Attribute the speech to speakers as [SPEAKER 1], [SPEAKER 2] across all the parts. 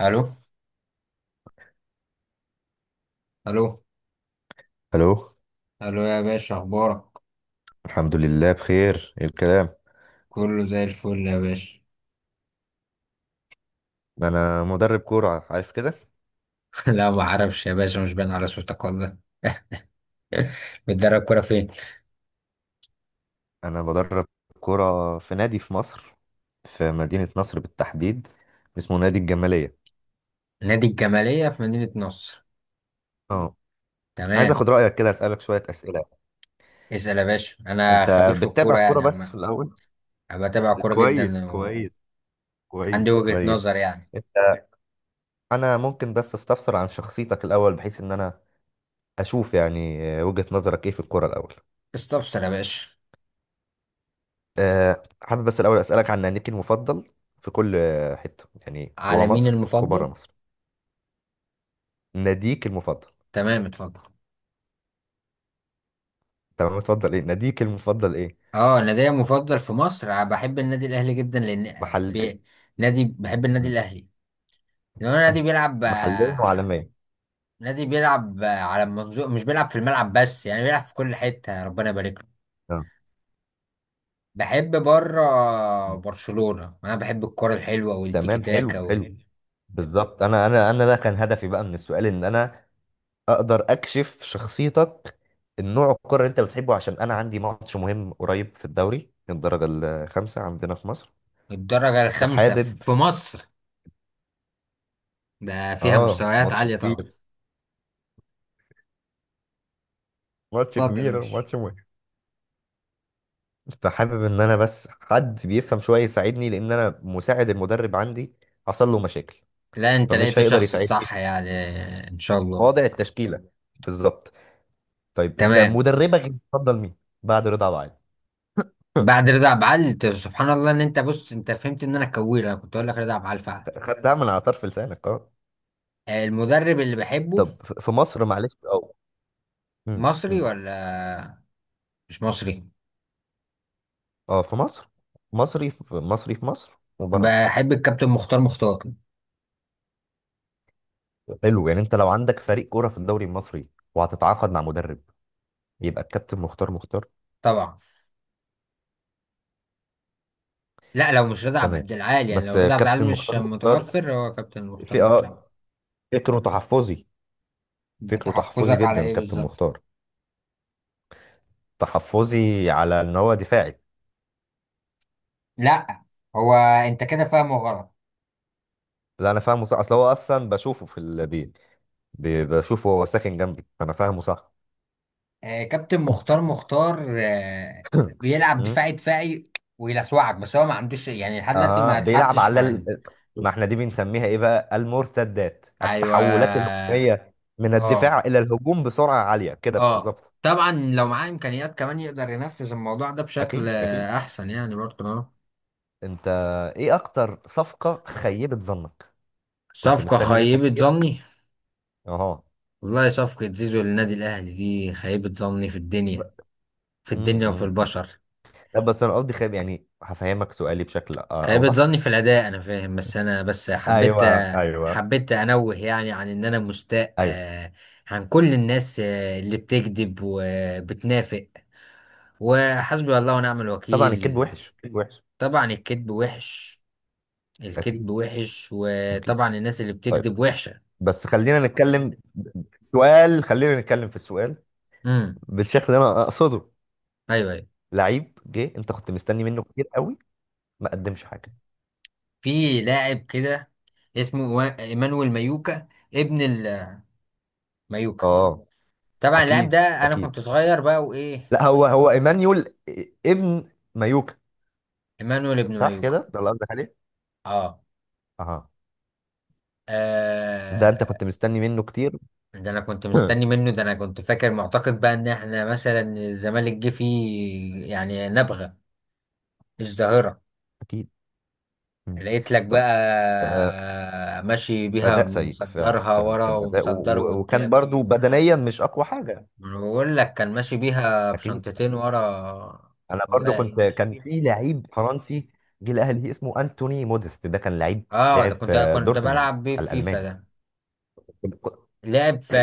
[SPEAKER 1] الو، الو،
[SPEAKER 2] الو.
[SPEAKER 1] الو يا باشا، اخبارك؟
[SPEAKER 2] الحمد لله بخير. إيه الكلام؟
[SPEAKER 1] كله زي الفل يا باشا.
[SPEAKER 2] انا مدرب كوره، عارف كده.
[SPEAKER 1] لا، ما اعرفش يا باشا، مش باين على صوتك والله. بتدرب كوره فين؟
[SPEAKER 2] انا بدرب كوره في نادي في مصر، في مدينه نصر بالتحديد، اسمه نادي الجماليه.
[SPEAKER 1] نادي الجماليه في مدينه نصر.
[SPEAKER 2] اه، عايز
[SPEAKER 1] تمام.
[SPEAKER 2] اخد رايك كده، اسالك شويه اسئله.
[SPEAKER 1] اسال يا باشا، انا
[SPEAKER 2] انت
[SPEAKER 1] خبير في
[SPEAKER 2] بتتابع
[SPEAKER 1] الكوره
[SPEAKER 2] كوره
[SPEAKER 1] يعني
[SPEAKER 2] بس
[SPEAKER 1] عامه.
[SPEAKER 2] في الاول؟
[SPEAKER 1] انا بتابع كوره
[SPEAKER 2] كويس
[SPEAKER 1] جدا وعندي
[SPEAKER 2] كويس. كويس
[SPEAKER 1] وجهه
[SPEAKER 2] كويس.
[SPEAKER 1] نظر يعني.
[SPEAKER 2] انت، انا ممكن بس استفسر عن شخصيتك الاول، بحيث ان انا اشوف يعني وجهه نظرك ايه في الكوره الاول.
[SPEAKER 1] استفسر يا باشا.
[SPEAKER 2] حابب بس الأول أسألك عن ناديك المفضل في كل حتة، يعني
[SPEAKER 1] على
[SPEAKER 2] جوه
[SPEAKER 1] مين
[SPEAKER 2] مصر وبره
[SPEAKER 1] المفضل؟
[SPEAKER 2] مصر. ناديك المفضل؟
[SPEAKER 1] تمام، اتفضل.
[SPEAKER 2] تمام، متفضل. إيه ناديك المفضل إيه؟
[SPEAKER 1] اه، نادي مفضل في مصر أنا بحب النادي الاهلي جدا لان
[SPEAKER 2] محلي؟
[SPEAKER 1] بي... بحب النادي
[SPEAKER 2] مم.
[SPEAKER 1] الاهلي. لو النادي بيلعب،
[SPEAKER 2] محليا وعالميا.
[SPEAKER 1] نادي بيلعب على المنظور، مش بيلعب في الملعب بس، يعني بيلعب في كل حتة، ربنا يبارك له.
[SPEAKER 2] آه.
[SPEAKER 1] بحب بره
[SPEAKER 2] مم.
[SPEAKER 1] برشلونة، انا بحب الكرة الحلوة والتيكي
[SPEAKER 2] تمام،
[SPEAKER 1] تاكا
[SPEAKER 2] حلو حلو. بالظبط. أنا ده كان هدفي بقى من السؤال، إن أنا أقدر أكشف شخصيتك، النوع الكرة اللي أنت بتحبه، عشان أنا عندي ماتش مهم قريب في الدوري الدرجة الخامسة عندنا في مصر،
[SPEAKER 1] والدرجة الخامسة ف-
[SPEAKER 2] فحابب.
[SPEAKER 1] في مصر ده فيها
[SPEAKER 2] آه،
[SPEAKER 1] مستويات
[SPEAKER 2] ماتش
[SPEAKER 1] عالية طبعا.
[SPEAKER 2] كبير. ماتش
[SPEAKER 1] اتفضل يا
[SPEAKER 2] كبير،
[SPEAKER 1] باشا.
[SPEAKER 2] ماتش مهم. فحابب ان انا بس حد بيفهم شويه يساعدني، لان انا مساعد المدرب عندي حصل له مشاكل،
[SPEAKER 1] لا، انت لقيت
[SPEAKER 2] فمش هيقدر
[SPEAKER 1] الشخص
[SPEAKER 2] يساعدني
[SPEAKER 1] الصح
[SPEAKER 2] في
[SPEAKER 1] يعني. ان شاء الله.
[SPEAKER 2] وضع التشكيله. بالظبط. طيب، انت
[SPEAKER 1] تمام.
[SPEAKER 2] مدربك بتفضل مين بعد رضا أبو علي؟
[SPEAKER 1] بعد رضا عبعال؟ انت سبحان الله، ان انت، بص، انت فهمت ان انا كوير، انا كنت اقول لك رضا عبعال فعلا.
[SPEAKER 2] خدتها من على طرف لسانك، اه.
[SPEAKER 1] المدرب اللي بحبه
[SPEAKER 2] طب في مصر، معلش، اه. أمم،
[SPEAKER 1] مصري
[SPEAKER 2] أمم.
[SPEAKER 1] ولا مش مصري؟
[SPEAKER 2] اه، في مصر. مصري. في مصري، في مصر وبره.
[SPEAKER 1] بحب الكابتن مختار مختار.
[SPEAKER 2] حلو. يعني انت لو عندك فريق كوره في الدوري المصري وهتتعاقد مع مدرب، يبقى الكابتن مختار مختار.
[SPEAKER 1] طبعا. لا، لو مش رضا
[SPEAKER 2] تمام.
[SPEAKER 1] عبد العال، يعني
[SPEAKER 2] بس
[SPEAKER 1] لو رضا عبد العال
[SPEAKER 2] كابتن
[SPEAKER 1] مش
[SPEAKER 2] مختار مختار
[SPEAKER 1] متوفر، هو كابتن مختار
[SPEAKER 2] في
[SPEAKER 1] مختار.
[SPEAKER 2] اه، فكره تحفظي. فكره تحفظي
[SPEAKER 1] تحفظك على
[SPEAKER 2] جدا
[SPEAKER 1] ايه
[SPEAKER 2] كابتن
[SPEAKER 1] بالظبط؟
[SPEAKER 2] مختار. تحفظي على ان هو دفاعي.
[SPEAKER 1] لا، هو انت كده فاهمه غلط.
[SPEAKER 2] لا انا فاهمه صح، اصل هو اصلا بشوفه في البيت، بشوفه، هو ساكن جنبي، فانا فاهمه صح.
[SPEAKER 1] آه، كابتن مختار مختار، بيلعب
[SPEAKER 2] مم.
[SPEAKER 1] دفاعي دفاعي. ويلسوعك، بس هو ما عندوش يعني لحد دلوقتي،
[SPEAKER 2] اها،
[SPEAKER 1] ما
[SPEAKER 2] بيلعب
[SPEAKER 1] اتحطش
[SPEAKER 2] على
[SPEAKER 1] مع
[SPEAKER 2] ال... ما احنا دي بنسميها ايه بقى؟ المرتدات،
[SPEAKER 1] ايوه.
[SPEAKER 2] التحولات الهجوميه من
[SPEAKER 1] اه.
[SPEAKER 2] الدفاع الى الهجوم بسرعه عاليه كده،
[SPEAKER 1] اه.
[SPEAKER 2] بالظبط.
[SPEAKER 1] طبعا لو معاه امكانيات كمان يقدر ينفذ الموضوع ده بشكل
[SPEAKER 2] اكيد اكيد.
[SPEAKER 1] احسن، يعني برضه اه.
[SPEAKER 2] انت، ايه اكتر صفقه خيبت ظنك؟ كنت
[SPEAKER 1] صفقة
[SPEAKER 2] مستني منها
[SPEAKER 1] خيبة
[SPEAKER 2] كتير.
[SPEAKER 1] ظني؟
[SPEAKER 2] اها.
[SPEAKER 1] والله صفقة زيزو للنادي الأهلي دي خيبة ظني في الدنيا في
[SPEAKER 2] ب...
[SPEAKER 1] الدنيا وفي البشر.
[SPEAKER 2] لا بس انا قصدي خاب، يعني هفهمك سؤالي بشكل
[SPEAKER 1] خيبة
[SPEAKER 2] اوضح.
[SPEAKER 1] ظني في الأداء، أنا فاهم، بس أنا بس حبيت
[SPEAKER 2] ايوه ايوه.
[SPEAKER 1] حبيت أنوه يعني عن إن أنا مستاء،
[SPEAKER 2] ايوه.
[SPEAKER 1] عن كل الناس اللي بتكذب وبتنافق، وحسبي الله ونعم
[SPEAKER 2] طبعا الكذب
[SPEAKER 1] الوكيل.
[SPEAKER 2] وحش، الكذب وحش.
[SPEAKER 1] طبعا الكذب وحش،
[SPEAKER 2] اكيد
[SPEAKER 1] الكذب وحش،
[SPEAKER 2] اكيد.
[SPEAKER 1] وطبعا الناس اللي
[SPEAKER 2] طيب،
[SPEAKER 1] بتكذب وحشة.
[SPEAKER 2] بس خلينا نتكلم. سؤال، خلينا نتكلم في السؤال
[SPEAKER 1] امم.
[SPEAKER 2] بالشكل اللي انا اقصده.
[SPEAKER 1] أيوه، أيوه.
[SPEAKER 2] لعيب جه، انت كنت مستني منه كتير قوي، ما قدمش حاجه.
[SPEAKER 1] في لاعب كده اسمه إيمانويل مايوكا، ابن المايوكا.
[SPEAKER 2] اه،
[SPEAKER 1] طبعا اللاعب
[SPEAKER 2] اكيد
[SPEAKER 1] ده انا
[SPEAKER 2] اكيد.
[SPEAKER 1] كنت صغير بقى وايه.
[SPEAKER 2] لا هو هو ايمانيول ابن مايوكا.
[SPEAKER 1] ايمانويل ابن
[SPEAKER 2] صح
[SPEAKER 1] مايوكا.
[SPEAKER 2] كده، ده اللي قصدك عليه؟
[SPEAKER 1] اه.
[SPEAKER 2] اها. ده انت
[SPEAKER 1] آه،
[SPEAKER 2] كنت مستني منه كتير.
[SPEAKER 1] ده انا كنت مستني منه، ده انا كنت فاكر معتقد بقى ان احنا مثلا الزمالك جه فيه يعني نبغة مش ظاهرة.
[SPEAKER 2] اكيد. مم.
[SPEAKER 1] لقيت لك
[SPEAKER 2] طيب. آه،
[SPEAKER 1] بقى ماشي بيها
[SPEAKER 2] اداء سيء فعلا،
[SPEAKER 1] مصدرها
[SPEAKER 2] فعلا
[SPEAKER 1] ورا
[SPEAKER 2] كان اداء
[SPEAKER 1] ومصدره
[SPEAKER 2] وكان
[SPEAKER 1] قدام.
[SPEAKER 2] برضو بدنيا مش اقوى حاجه.
[SPEAKER 1] ما أنا بقول لك كان ماشي بيها
[SPEAKER 2] اكيد
[SPEAKER 1] بشنطتين
[SPEAKER 2] اكيد.
[SPEAKER 1] ورا.
[SPEAKER 2] انا
[SPEAKER 1] والله
[SPEAKER 2] برضو كنت،
[SPEAKER 1] يعين.
[SPEAKER 2] كان في لعيب فرنسي جه الاهلي اسمه انتوني موديست، ده كان لعيب،
[SPEAKER 1] اه، ده
[SPEAKER 2] لعب
[SPEAKER 1] كنت
[SPEAKER 2] في
[SPEAKER 1] كنت
[SPEAKER 2] دورتموند
[SPEAKER 1] بلعب بيه في فيفا
[SPEAKER 2] الالماني.
[SPEAKER 1] ده. لعب في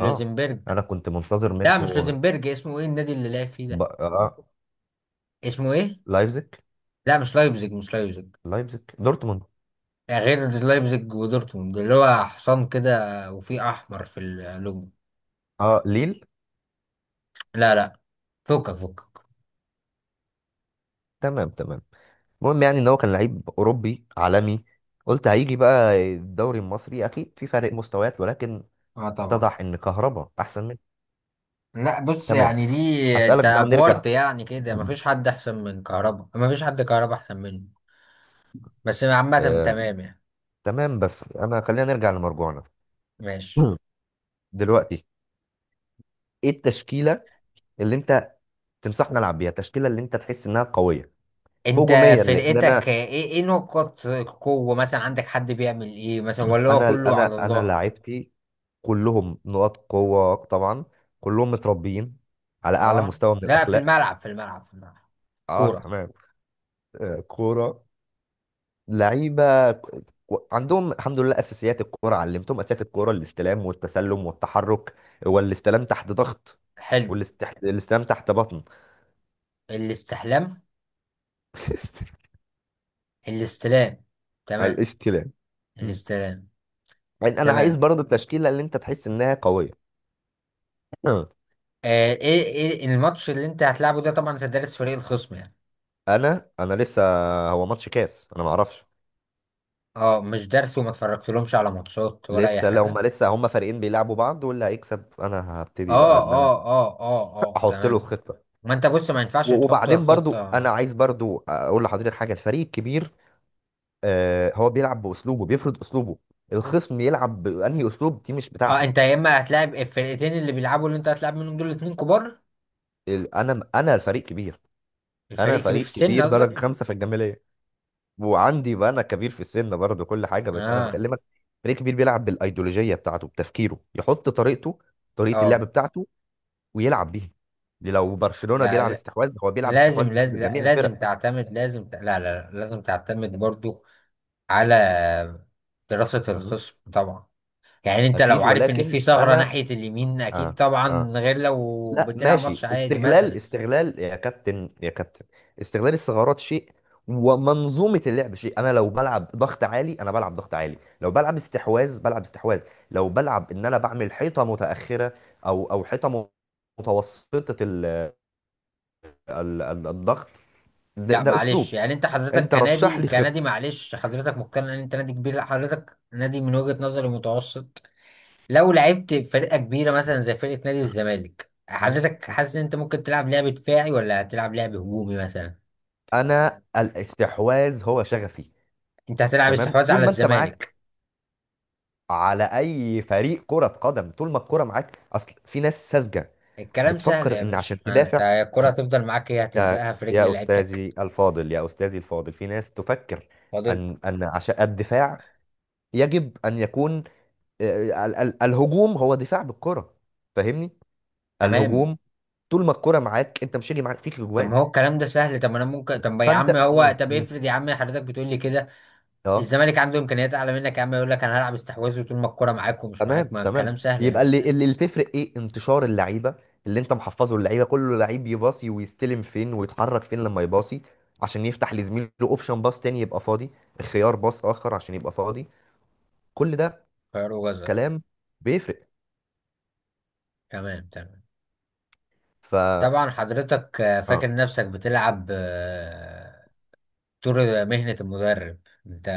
[SPEAKER 2] اه،
[SPEAKER 1] لوزمبرج.
[SPEAKER 2] انا كنت منتظر منه.
[SPEAKER 1] لا، مش لوزنبرج، اسمه ايه النادي اللي لعب فيه ده؟
[SPEAKER 2] آه.
[SPEAKER 1] اسمه ايه؟
[SPEAKER 2] لايبزيج.
[SPEAKER 1] لا، مش لايبزيج، مش لايبزيج.
[SPEAKER 2] لايبزيج دورتموند.
[SPEAKER 1] غير لايبزيج ودورتموند اللي هو حصان كده وفيه احمر في اللوجو.
[SPEAKER 2] اه، ليل.
[SPEAKER 1] لا، لا، فكك فكك.
[SPEAKER 2] تمام تمام. المهم يعني ان هو كان لعيب اوروبي عالمي، قلت هيجي بقى الدوري المصري اكيد في فرق مستويات، ولكن
[SPEAKER 1] اه، طبعا.
[SPEAKER 2] اتضح ان كهربا احسن.
[SPEAKER 1] لا، بص
[SPEAKER 2] تمام.
[SPEAKER 1] يعني دي انت
[SPEAKER 2] هسألك بقى، نرجع.
[SPEAKER 1] افورت يعني كده،
[SPEAKER 2] مم.
[SPEAKER 1] مفيش حد احسن من كهربا، مفيش حد كهربا احسن منه. بس عامة
[SPEAKER 2] آه،
[SPEAKER 1] تمام يعني.
[SPEAKER 2] تمام، بس انا خلينا نرجع لمرجوعنا.
[SPEAKER 1] ماشي.
[SPEAKER 2] مم. دلوقتي، ايه التشكيله اللي انت تنصحنا العب بيها، التشكيله اللي انت تحس انها قويه
[SPEAKER 1] انت
[SPEAKER 2] هجوميا، لان
[SPEAKER 1] فرقتك
[SPEAKER 2] انا.
[SPEAKER 1] ايه، ايه نقط القوة مثلا، عندك حد بيعمل ايه مثلا ولا هو
[SPEAKER 2] انا
[SPEAKER 1] كله على
[SPEAKER 2] انا انا
[SPEAKER 1] الله؟
[SPEAKER 2] لاعبتي كلهم نقاط قوه طبعا. كلهم متربيين على اعلى
[SPEAKER 1] اه،
[SPEAKER 2] مستوى من
[SPEAKER 1] لا، في
[SPEAKER 2] الاخلاق.
[SPEAKER 1] الملعب، في الملعب، في الملعب.
[SPEAKER 2] اه
[SPEAKER 1] كورة.
[SPEAKER 2] تمام. آه، كوره. عندهم الحمد لله اساسيات الكوره، علمتهم اساسيات الكوره، الاستلام والتسلم والتحرك والاستلام تحت ضغط،
[SPEAKER 1] حلم.
[SPEAKER 2] والاستلام تحت بطن.
[SPEAKER 1] الاستحلام. الاستلام.
[SPEAKER 2] على
[SPEAKER 1] تمام.
[SPEAKER 2] الاستلام. مم.
[SPEAKER 1] الاستلام.
[SPEAKER 2] يعني انا عايز
[SPEAKER 1] تمام
[SPEAKER 2] برضه التشكيله اللي انت تحس انها قويه.
[SPEAKER 1] آه، ايه الماتش اللي انت هتلعبه ده، طبعا انت دارس فريق الخصم يعني؟
[SPEAKER 2] انا لسه، هو ماتش كاس، انا ما اعرفش.
[SPEAKER 1] اه، مش دارس وما اتفرجتلهمش على ماتشات ولا اي
[SPEAKER 2] لسه، لو
[SPEAKER 1] حاجة.
[SPEAKER 2] ما لسه هما فريقين بيلعبوا بعض، واللي هيكسب انا هبتدي
[SPEAKER 1] اه،
[SPEAKER 2] بقى ان انا
[SPEAKER 1] اه، اه، اه، اه،
[SPEAKER 2] احط له
[SPEAKER 1] تمام.
[SPEAKER 2] خطه.
[SPEAKER 1] ما انت بص، ما ينفعش
[SPEAKER 2] و-
[SPEAKER 1] تحط
[SPEAKER 2] وبعدين برضو
[SPEAKER 1] الخطة.
[SPEAKER 2] انا عايز برضو اقول لحضرتك حاجه. الفريق الكبير آه، هو بيلعب باسلوبه، بيفرض اسلوبه. الخصم يلعب بانهي اسلوب دي مش
[SPEAKER 1] اه،
[SPEAKER 2] بتاعتي.
[SPEAKER 1] انت يا اما هتلاعب الفرقتين اللي بيلعبوا، اللي انت هتلعب منهم دول اتنين كبار.
[SPEAKER 2] انا، انا فريق كبير. انا
[SPEAKER 1] الفريق كبير في
[SPEAKER 2] فريق
[SPEAKER 1] السن
[SPEAKER 2] كبير درجه
[SPEAKER 1] قصدك؟
[SPEAKER 2] خمسه في الجماليه، وعندي بقى انا كبير في السن برضه، كل حاجه، بس انا
[SPEAKER 1] اه.
[SPEAKER 2] بكلمك. فريق كبير بيلعب بالايديولوجيه بتاعته، بتفكيره، يحط طريقته، طريقه اللعب
[SPEAKER 1] اه.
[SPEAKER 2] بتاعته، ويلعب بيها. لو برشلونه بيلعب
[SPEAKER 1] لا،
[SPEAKER 2] استحواذ، هو بيلعب استحواذ
[SPEAKER 1] لازم
[SPEAKER 2] ضد
[SPEAKER 1] لا،
[SPEAKER 2] جميع
[SPEAKER 1] لازم
[SPEAKER 2] الفرق.
[SPEAKER 1] تعتمد، لا، لا، لا، لازم تعتمد برضو على دراسة
[SPEAKER 2] مم.
[SPEAKER 1] الخصم طبعا. يعني انت لو
[SPEAKER 2] اكيد
[SPEAKER 1] عارف ان في
[SPEAKER 2] ولكن
[SPEAKER 1] ثغرة
[SPEAKER 2] انا،
[SPEAKER 1] ناحية اليمين اكيد
[SPEAKER 2] اه، اه،
[SPEAKER 1] طبعا، غير لو
[SPEAKER 2] لا
[SPEAKER 1] بتلعب
[SPEAKER 2] ماشي،
[SPEAKER 1] ماتش عادي
[SPEAKER 2] استغلال،
[SPEAKER 1] مثلا.
[SPEAKER 2] استغلال يا كابتن، يا كابتن، استغلال الثغرات شيء، ومنظومة اللعب شيء. انا لو بلعب ضغط عالي انا بلعب ضغط عالي، لو بلعب استحواذ بلعب استحواذ، لو بلعب ان انا بعمل حيطة متأخرة او حيطة متوسطة ال الضغط. ده،
[SPEAKER 1] لا
[SPEAKER 2] ده
[SPEAKER 1] معلش،
[SPEAKER 2] اسلوب.
[SPEAKER 1] يعني انت حضرتك
[SPEAKER 2] انت رشح
[SPEAKER 1] كنادي
[SPEAKER 2] لي
[SPEAKER 1] كنادي
[SPEAKER 2] خطة.
[SPEAKER 1] معلش حضرتك مقتنع ان انت نادي كبير، لا حضرتك نادي من وجهة نظري متوسط. لو لعبت فرقة كبيرة مثلا زي فرقة نادي الزمالك،
[SPEAKER 2] مم.
[SPEAKER 1] حضرتك
[SPEAKER 2] مم.
[SPEAKER 1] حاسس ان انت ممكن تلعب لعب دفاعي ولا هتلعب لعب هجومي مثلا؟
[SPEAKER 2] انا الاستحواذ هو شغفي.
[SPEAKER 1] انت هتلعب
[SPEAKER 2] تمام.
[SPEAKER 1] استحواذ
[SPEAKER 2] طول
[SPEAKER 1] على
[SPEAKER 2] ما انت معاك،
[SPEAKER 1] الزمالك؟
[SPEAKER 2] على اي فريق كرة قدم، طول ما الكرة معاك. اصل في ناس ساذجة
[SPEAKER 1] الكلام سهل
[SPEAKER 2] بتفكر
[SPEAKER 1] يا
[SPEAKER 2] ان
[SPEAKER 1] باشا،
[SPEAKER 2] عشان
[SPEAKER 1] انت
[SPEAKER 2] تدافع،
[SPEAKER 1] الكرة هتفضل معاك، هي
[SPEAKER 2] يا
[SPEAKER 1] هتلزقها في
[SPEAKER 2] يا
[SPEAKER 1] رجل لعيبتك.
[SPEAKER 2] استاذي الفاضل، يا استاذي الفاضل، في ناس تفكر
[SPEAKER 1] فاضل.
[SPEAKER 2] ان ان عشان الدفاع يجب ان يكون، آه، الهجوم هو دفاع بالكرة، فاهمني؟
[SPEAKER 1] تمام.
[SPEAKER 2] الهجوم، طول ما الكرة معاك انت مش هيجي معاك فيك
[SPEAKER 1] طب
[SPEAKER 2] اجوان.
[SPEAKER 1] ما هو الكلام ده سهل، طب ما انا ممكن، طب يا عم،
[SPEAKER 2] فانت.
[SPEAKER 1] هو
[SPEAKER 2] مم.
[SPEAKER 1] طب
[SPEAKER 2] مم.
[SPEAKER 1] افرض يا عم حضرتك بتقول لي كده،
[SPEAKER 2] اه
[SPEAKER 1] الزمالك عنده امكانيات اعلى منك يا عم، يقول لك انا هلعب استحواذ طول ما الكرة معاك ومش معاك.
[SPEAKER 2] تمام
[SPEAKER 1] ما الكلام
[SPEAKER 2] تمام.
[SPEAKER 1] سهل يا
[SPEAKER 2] يبقى
[SPEAKER 1] باشا.
[SPEAKER 2] اللي تفرق ايه؟ انتشار اللعيبه، اللي انت محفظه اللعيبه، كله لعيب يباصي، ويستلم فين، ويتحرك فين لما يباصي، عشان يفتح لزميله اوبشن باص تاني يبقى فاضي، خيار باص اخر عشان يبقى فاضي. كل ده
[SPEAKER 1] خير وجزر.
[SPEAKER 2] كلام بيفرق.
[SPEAKER 1] تمام، تمام.
[SPEAKER 2] ف،
[SPEAKER 1] طبعا حضرتك
[SPEAKER 2] اه،
[SPEAKER 1] فاكر نفسك بتلعب دور مهنة المدرب. انت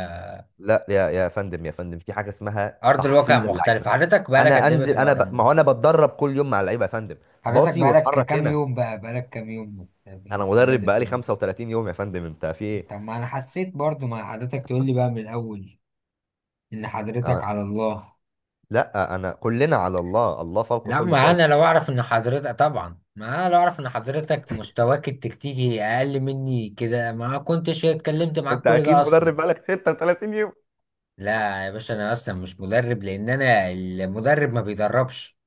[SPEAKER 2] لا يا يا فندم، يا فندم، في حاجه اسمها
[SPEAKER 1] ارض الواقع
[SPEAKER 2] تحفيظ
[SPEAKER 1] مختلف.
[SPEAKER 2] اللعيبه.
[SPEAKER 1] حضرتك بقالك
[SPEAKER 2] انا
[SPEAKER 1] قد ايه
[SPEAKER 2] انزل، انا،
[SPEAKER 1] بتمرن؟
[SPEAKER 2] ما هو انا بتدرب كل يوم مع اللعيبه يا فندم،
[SPEAKER 1] حضرتك
[SPEAKER 2] باصي
[SPEAKER 1] بقالك
[SPEAKER 2] واتحرك
[SPEAKER 1] كام
[SPEAKER 2] هنا.
[SPEAKER 1] يوم بقى، بقالك كام يوم
[SPEAKER 2] انا
[SPEAKER 1] في
[SPEAKER 2] مدرب
[SPEAKER 1] بادئ في
[SPEAKER 2] بقالي
[SPEAKER 1] موضوع؟
[SPEAKER 2] 35 يوم يا فندم، انت في ايه؟
[SPEAKER 1] طب ما انا حسيت برضو، ما حضرتك تقول لي بقى من الاول ان
[SPEAKER 2] انا،
[SPEAKER 1] حضرتك على الله.
[SPEAKER 2] لا انا كلنا على الله، الله فوق
[SPEAKER 1] لا،
[SPEAKER 2] كل
[SPEAKER 1] ما
[SPEAKER 2] شيء.
[SPEAKER 1] انا لو اعرف ان حضرتك، طبعا ما انا لو اعرف ان حضرتك مستواك التكتيكي اقل مني كده ما كنتش اتكلمت معاك
[SPEAKER 2] انت
[SPEAKER 1] كل
[SPEAKER 2] اكيد
[SPEAKER 1] ده
[SPEAKER 2] مدرب
[SPEAKER 1] اصلا.
[SPEAKER 2] بقالك 36 يوم.
[SPEAKER 1] لا يا باشا، انا اصلا مش مدرب، لان انا المدرب ما بيدربش،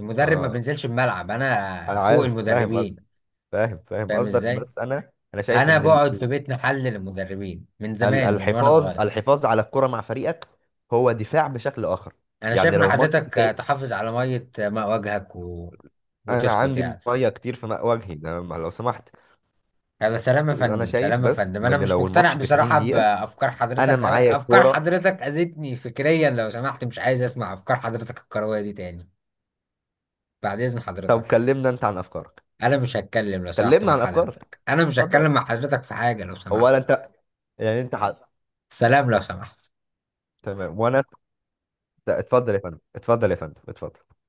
[SPEAKER 1] المدرب ما
[SPEAKER 2] اه،
[SPEAKER 1] بينزلش الملعب، انا
[SPEAKER 2] انا
[SPEAKER 1] فوق
[SPEAKER 2] عارف فاهم قصدك،
[SPEAKER 1] المدربين.
[SPEAKER 2] فاهم فاهم
[SPEAKER 1] فاهم
[SPEAKER 2] قصدك،
[SPEAKER 1] ازاي؟
[SPEAKER 2] بس انا انا شايف
[SPEAKER 1] انا
[SPEAKER 2] ان
[SPEAKER 1] بقعد في بيت محلل المدربين من زمان، من وانا
[SPEAKER 2] الحفاظ،
[SPEAKER 1] صغير.
[SPEAKER 2] الحفاظ على الكرة مع فريقك هو دفاع بشكل اخر.
[SPEAKER 1] انا شايف
[SPEAKER 2] يعني
[SPEAKER 1] ان
[SPEAKER 2] لو ماتش،
[SPEAKER 1] حضرتك
[SPEAKER 2] انت،
[SPEAKER 1] تحافظ على ميه، ماء وجهك
[SPEAKER 2] انا
[SPEAKER 1] وتسكت
[SPEAKER 2] عندي
[SPEAKER 1] يعني.
[SPEAKER 2] ميه كتير في ماء وجهي ده، ما- لو سمحت.
[SPEAKER 1] هذا سلام يا
[SPEAKER 2] انا
[SPEAKER 1] فندم،
[SPEAKER 2] شايف
[SPEAKER 1] سلام يا
[SPEAKER 2] بس
[SPEAKER 1] فندم، انا
[SPEAKER 2] ان
[SPEAKER 1] مش
[SPEAKER 2] لو
[SPEAKER 1] مقتنع
[SPEAKER 2] الماتش 90
[SPEAKER 1] بصراحه
[SPEAKER 2] دقيقة
[SPEAKER 1] بافكار
[SPEAKER 2] انا
[SPEAKER 1] حضرتك،
[SPEAKER 2] معايا
[SPEAKER 1] افكار
[SPEAKER 2] الكرة.
[SPEAKER 1] حضرتك اذتني فكريا لو سمحت، مش عايز اسمع افكار حضرتك الكرويه دي تاني. بعد اذن
[SPEAKER 2] طب
[SPEAKER 1] حضرتك.
[SPEAKER 2] كلمنا انت عن افكارك.
[SPEAKER 1] انا مش هتكلم لو سمحت
[SPEAKER 2] كلمنا
[SPEAKER 1] مع
[SPEAKER 2] عن افكارك.
[SPEAKER 1] حضرتك، انا مش
[SPEAKER 2] اتفضل يا
[SPEAKER 1] هتكلم
[SPEAKER 2] باشا.
[SPEAKER 1] مع حضرتك في حاجه لو
[SPEAKER 2] هو
[SPEAKER 1] سمحت.
[SPEAKER 2] ولا انت؟ يعني انت حق.
[SPEAKER 1] سلام لو سمحت.
[SPEAKER 2] تمام وانا. لا، اتفضل يا فندم، اتفضل يا فندم، اتفضل.